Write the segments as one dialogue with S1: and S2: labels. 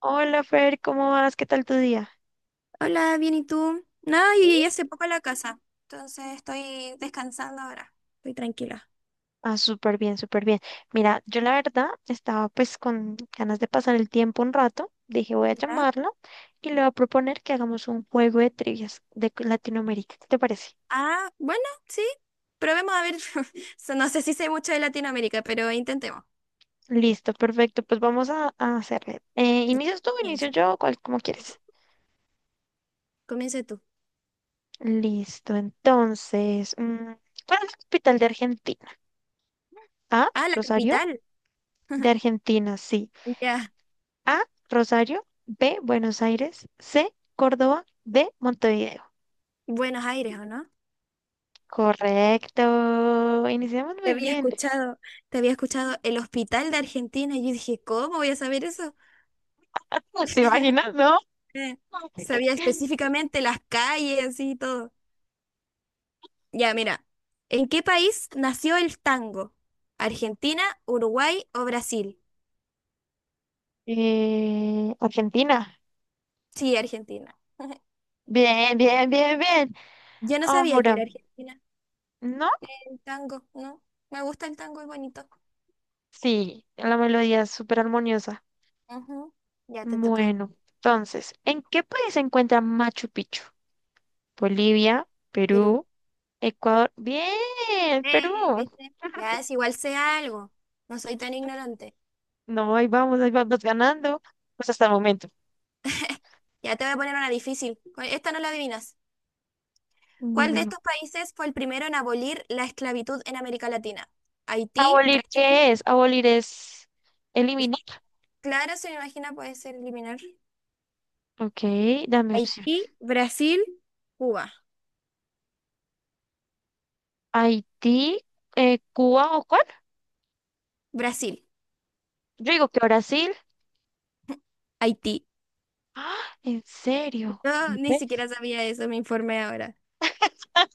S1: Hola Fer, ¿cómo vas? ¿Qué tal tu día?
S2: Hola, bien, ¿y tú? Nada, yo
S1: Bien.
S2: llegué hace poco a la casa, entonces estoy descansando ahora. Estoy tranquila.
S1: Ah, súper bien, súper bien. Mira, yo la verdad estaba pues con ganas de pasar el tiempo un rato. Dije, voy a
S2: ¿Ya?
S1: llamarlo y le voy a proponer que hagamos un juego de trivias de Latinoamérica. ¿Qué te parece?
S2: Ah, bueno, sí. Probemos a ver. So, no sé si sé mucho de Latinoamérica, pero intentemos.
S1: Listo, perfecto. Pues vamos a hacerle.
S2: Ya,
S1: ¿Inicias tú, o inicio
S2: comienza.
S1: yo, cual, como
S2: Tú.
S1: quieres?
S2: Comienza tú.
S1: Listo, entonces, ¿cuál es la capital de Argentina? A,
S2: Ah, la
S1: Rosario,
S2: capital.
S1: de Argentina, sí.
S2: Ya,
S1: A, Rosario, B, Buenos Aires, C, Córdoba, D, Montevideo.
S2: Buenos Aires, ¿o no?
S1: Correcto. Iniciamos
S2: Te
S1: muy
S2: había
S1: bien.
S2: escuchado, te había escuchado el hospital de Argentina. Y yo dije, ¿cómo voy a saber eso?
S1: ¿Te imaginas, no?
S2: Eh, sabía específicamente las calles y todo. Ya, mira, ¿en qué país nació el tango? ¿Argentina, Uruguay o Brasil?
S1: Argentina.
S2: Sí, Argentina.
S1: Bien, bien, bien, bien.
S2: Yo no sabía que
S1: Ahora,
S2: era Argentina.
S1: ¿no?
S2: El tango, ¿no? Me gusta el tango, es bonito.
S1: Sí, la melodía es súper armoniosa.
S2: Ujú. Ya te toca.
S1: Bueno, entonces, ¿en qué país se encuentra Machu Picchu? Bolivia,
S2: Perú.
S1: Perú, Ecuador. Bien, Perú.
S2: Eh, ¿Viste? Ya es igual sé algo. No soy tan ignorante.
S1: No, ahí vamos ganando. Pues hasta el momento.
S2: Ya te voy a poner una difícil. Esta no la adivinas. ¿Cuál de
S1: Dímelo.
S2: estos países fue el primero en abolir la esclavitud en América Latina? Haití,
S1: ¿Abolir
S2: Brasil.
S1: qué es? Abolir es eliminar.
S2: Claro, se me imagina puede ser eliminar.
S1: Ok, dame opciones.
S2: Haití, Brasil, Cuba.
S1: Haití, Cuba o cuál?
S2: Brasil,
S1: Yo digo que Brasil.
S2: Haití.
S1: ¿En serio?
S2: Yo ni
S1: ¿Ves?
S2: siquiera sabía eso, me informé ahora.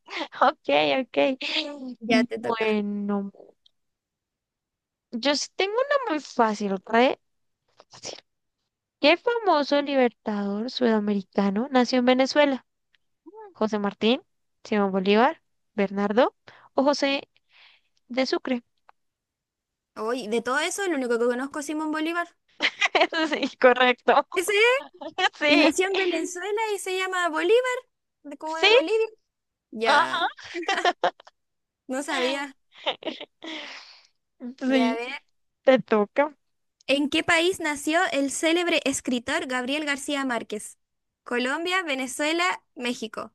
S1: Ok, ok.
S2: Ya te toca.
S1: Bueno, yo sí tengo una muy fácil, re fácil. ¿Qué famoso libertador sudamericano nació en Venezuela? ¿José Martín, Simón Bolívar, Bernardo o José de Sucre?
S2: Hoy, de todo eso, lo único que conozco es Simón Bolívar.
S1: Sí, correcto.
S2: Ese es. Y
S1: Sí,
S2: nació en Venezuela y se llama Bolívar, como
S1: sí,
S2: de Bolivia. Ya,
S1: ajá.
S2: no sabía. Ya, a
S1: Sí,
S2: ver.
S1: te toca.
S2: ¿En qué país nació el célebre escritor Gabriel García Márquez? Colombia, Venezuela, México.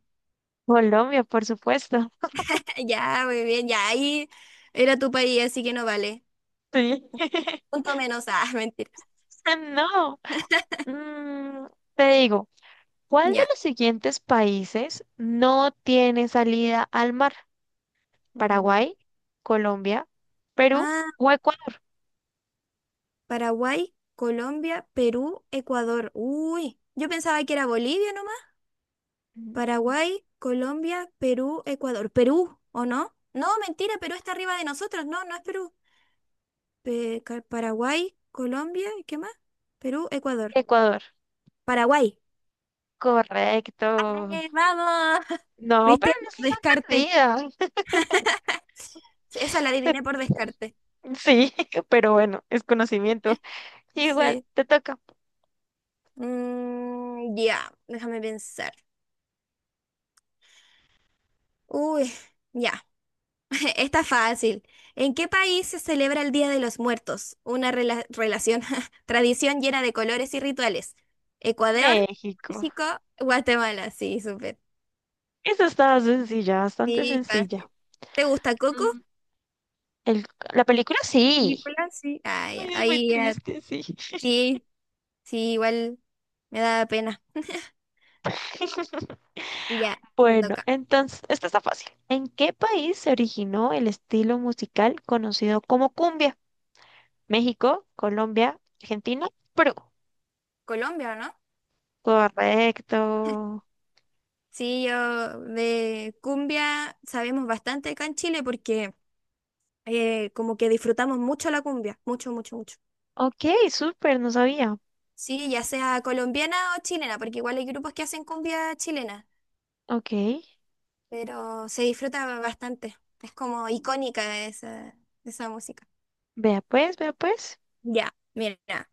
S1: Colombia, por supuesto.
S2: Ya, muy bien, ya ahí era tu país, así que no vale.
S1: Sí.
S2: Punto menos, ah, mentira.
S1: No. Mm, te digo, ¿cuál de
S2: Ya.
S1: los siguientes países no tiene salida al mar?
S2: Mm.
S1: Paraguay, Colombia, Perú
S2: Ah,
S1: o Ecuador.
S2: Paraguay, Colombia, Perú, Ecuador. Uy, yo pensaba que era Bolivia nomás.
S1: Mm,
S2: Paraguay, Colombia, Perú, Ecuador. Perú, ¿o no? No, mentira, Perú está arriba de nosotros. No, no es Perú. Paraguay, Colombia, ¿qué más? Perú, Ecuador.
S1: Ecuador.
S2: Paraguay.
S1: Correcto.
S2: ¡Ay, vamos!
S1: No, pero
S2: ¿Viste?
S1: no
S2: Por
S1: se
S2: descarte.
S1: perdida.
S2: Esa la
S1: Te-
S2: adiviné por descarte.
S1: Sí, pero bueno, es conocimiento. Igual
S2: Sí.
S1: te toca.
S2: Mm, ya, déjame pensar. Uy, ya. Está fácil. ¿En qué país se celebra el Día de los Muertos? Una relación, tradición llena de colores y rituales. Ecuador,
S1: México.
S2: México, Guatemala. Sí, súper.
S1: Esa estaba sencilla, bastante
S2: Sí,
S1: sencilla.
S2: fácil. ¿Te gusta Coco?
S1: Mm, el- la película sí.
S2: Película, sí. Ah, ya.
S1: Ay, es muy
S2: Ahí ya.
S1: triste, sí.
S2: Sí, sí, igual me da pena. Ya, te
S1: Bueno,
S2: toca.
S1: entonces, esta está fácil. ¿En qué país se originó el estilo musical conocido como cumbia? México, Colombia, Argentina, Perú.
S2: Colombia, ¿o no?
S1: Correcto.
S2: Sí, yo de cumbia sabemos bastante acá en Chile porque como que disfrutamos mucho la cumbia. Mucho, mucho, mucho.
S1: Ok, súper, no sabía.
S2: Sí, ya sea colombiana o chilena, porque igual hay grupos que hacen cumbia chilena,
S1: Ok,
S2: pero se disfruta bastante. Es como icónica esa música.
S1: vea pues, vea pues.
S2: Ya, mira.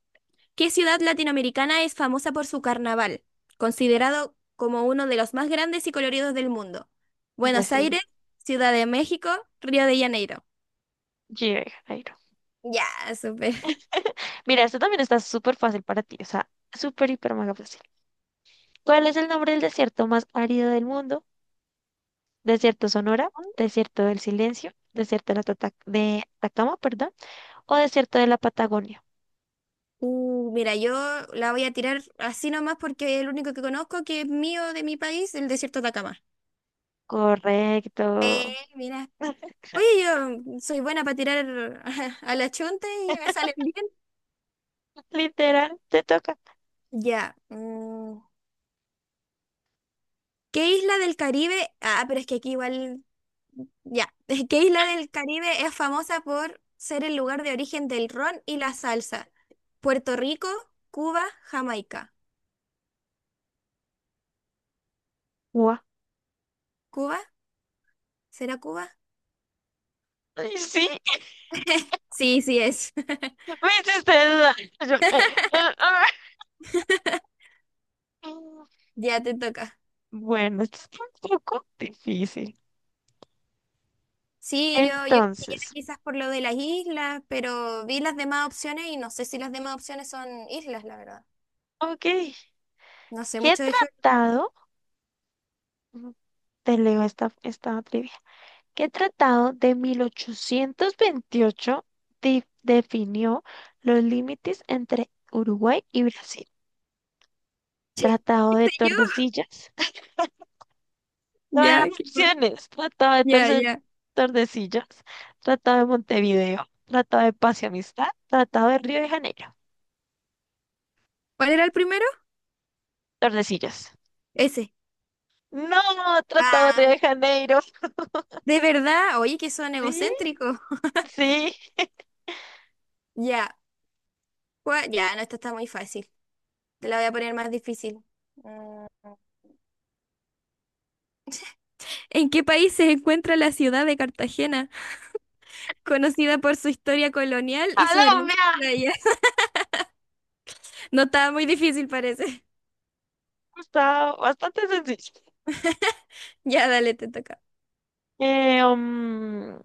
S2: ¿Qué ciudad latinoamericana es famosa por su carnaval, considerado como uno de los más grandes y coloridos del mundo? Buenos
S1: Brasil,
S2: Aires, Ciudad de México, Río de Janeiro.
S1: Río de Janeiro.
S2: Ya, súper.
S1: Mira, esto también está súper fácil para ti, o sea, súper, hiper, mega fácil. ¿Cuál es el nombre del desierto más árido del mundo? ¿Desierto Sonora? ¿Desierto del Silencio? ¿Desierto de, la de Atacama, perdón? ¿O desierto de la Patagonia?
S2: Mira, yo la voy a tirar así nomás porque es el único que conozco que es mío de mi país, el desierto de Atacama.
S1: Correcto.
S2: Mira. Oye, yo soy buena para tirar a la chunta y me salen bien.
S1: Literal, te toca.
S2: Ya. ¿Qué isla del Caribe? Ah, pero es que aquí igual. Ya. ¿Qué isla del Caribe es famosa por ser el lugar de origen del ron y la salsa? Puerto Rico, Cuba, Jamaica.
S1: Guau.
S2: ¿Cuba? ¿Será Cuba?
S1: Ay, sí,
S2: Sí, sí es.
S1: me hiciste dudar. Yo, eh, ah.
S2: Ya te toca.
S1: Bueno, esto está un poco difícil.
S2: Sí, yo dije ya
S1: Entonces,
S2: quizás por lo de las islas, pero vi las demás opciones y no sé si las demás opciones son islas, la verdad.
S1: ok,
S2: No sé
S1: ¿qué
S2: mucho de geografía.
S1: tratado? Te leo esta trivia. ¿Qué tratado de 1828 definió los límites entre Uruguay y Brasil?
S2: Che,
S1: Tratado
S2: ¿qué
S1: de
S2: sé yo?
S1: Tordesillas. No hay
S2: Ya, ¿qué más?
S1: opciones.
S2: Ya, ya.
S1: Tordesillas. Tratado de Montevideo. Tratado de Paz y Amistad. Tratado de Río de Janeiro.
S2: ¿Cuál era el primero?
S1: Tordesillas.
S2: Ese.
S1: No, Tratado de Río
S2: Ah,
S1: de Janeiro.
S2: de verdad. Oye, que son
S1: Sí,
S2: egocéntricos.
S1: sí.
S2: Ya. ¿Cuál? Ya, no, esta está muy fácil. Te la voy a poner más difícil. Mm. ¿En qué país se encuentra la ciudad de Cartagena, conocida por su historia colonial y sus hermosas
S1: Colombia.
S2: playas? No estaba muy difícil, parece.
S1: Está bastante sencillo.
S2: Ya, dale, te toca.
S1: Eh, mm,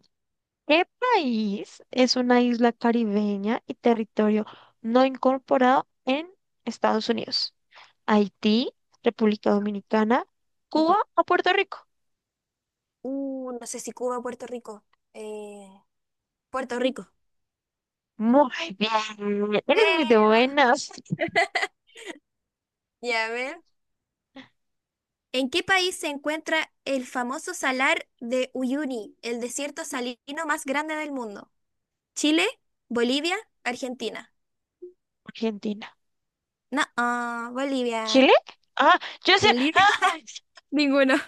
S1: ¿Qué país es una isla caribeña y territorio no incorporado en Estados Unidos? ¿Haití, República Dominicana, Cuba
S2: Tampoco.
S1: o Puerto Rico?
S2: No sé si Cuba o Puerto Rico. Eh, Puerto Rico.
S1: Muy bien, eres muy de
S2: Eh, va.
S1: buenas.
S2: Ya, a ver. ¿En qué país se encuentra el famoso salar de Uyuni, el desierto salino más grande del mundo? ¿Chile? ¿Bolivia? ¿Argentina?
S1: Argentina.
S2: No, ah, Bolivia.
S1: ¿Chile? Ah, yo sé.
S2: Bolivia.
S1: Ah,
S2: Ninguno.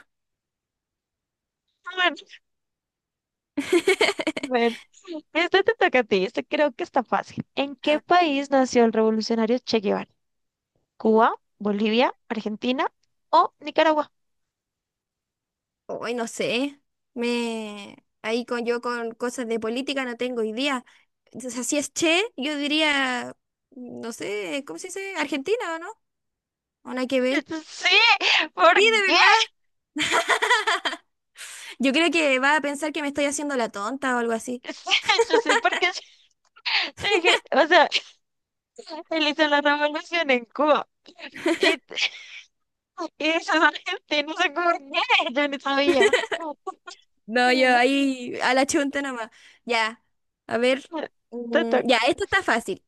S1: bueno, bueno. Este te toca a ti, este creo que está fácil. ¿En qué
S2: Ah,
S1: país nació el revolucionario Che Guevara? ¿Cuba, Bolivia, Argentina o Nicaragua?
S2: hoy no sé. Me ahí con yo con cosas de política no tengo idea. Entonces, así es che, yo diría, no sé, ¿cómo se dice? ¿Argentina o no? ¿O no hay que ver?
S1: Sí, ¿por
S2: Sí, de
S1: qué?
S2: verdad. Yo creo que va a pensar que me estoy haciendo la tonta o algo así.
S1: Sí, yo sé, porque yo dije, o sea, él hizo la revolución en Cuba y, y esos argentinos se por qué, yo no sabía. No,
S2: No, yo ahí a la chunta nomás. Ya, a ver.
S1: Te toca,
S2: Ya, esto está fácil.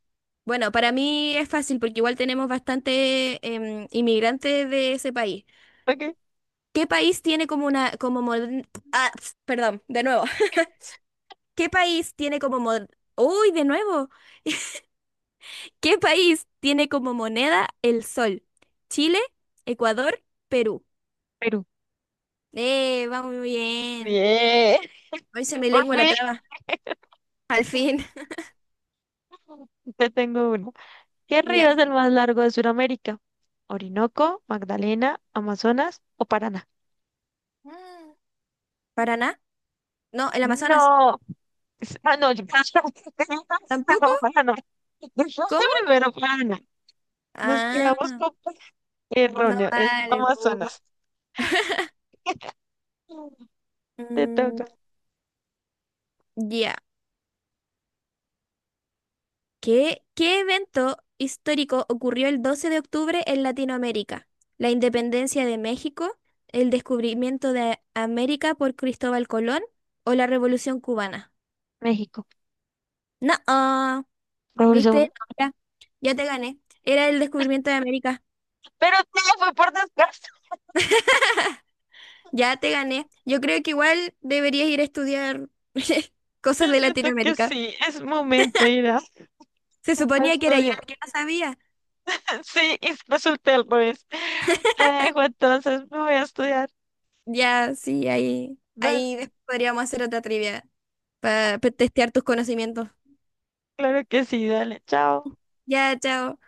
S2: Bueno, para mí es fácil porque igual tenemos bastante inmigrantes de ese país.
S1: ok.
S2: ¿Qué país tiene como una, como moder- ah, ps, perdón, de nuevo. ¿Qué país tiene como mod- Uy, de nuevo. ¿Qué país tiene como moneda el sol? Chile, Ecuador, Perú.
S1: Perú.
S2: Va muy bien.
S1: Bien,
S2: Hoy se me
S1: por
S2: lengua la
S1: fin.
S2: traba. Al fin.
S1: Te tengo uno. ¿Qué río es
S2: Ya.
S1: el más largo de Sudamérica? ¿Orinoco, Magdalena, Amazonas o Paraná?
S2: Mm. Paraná. No, el Amazonas.
S1: No. Ah, no, yo no,
S2: ¿Tampoco?
S1: Paraná. Yo dijiste
S2: ¿Cómo?
S1: primero Paraná. Nos quedamos
S2: Ah,
S1: con
S2: no
S1: erróneo, es
S2: vale. Pu.
S1: Amazonas. Te
S2: Mm,
S1: toca.
S2: ya. ¿Qué evento histórico ocurrió el 12 de octubre en Latinoamérica? La independencia de México, el descubrimiento de América por Cristóbal Colón o la Revolución cubana.
S1: México.
S2: No, ah, ¿viste?
S1: Revolución.
S2: No, ya, ya te gané. Era el descubrimiento de América.
S1: Pero no, fue por descanso.
S2: Ya te gané. Yo creo que igual deberías ir a estudiar cosas
S1: Yo
S2: de
S1: siento que
S2: Latinoamérica.
S1: sí, es momento de ir
S2: Se
S1: a
S2: suponía que era yo
S1: estudiar.
S2: la que no sabía.
S1: Sí, y resulté al revés. Te dejo entonces, me voy a estudiar.
S2: Ya, sí, ahí,
S1: Dale,
S2: ahí después podríamos hacer otra trivia para testear tus conocimientos.
S1: claro que sí, dale, chao.
S2: Ya, chao.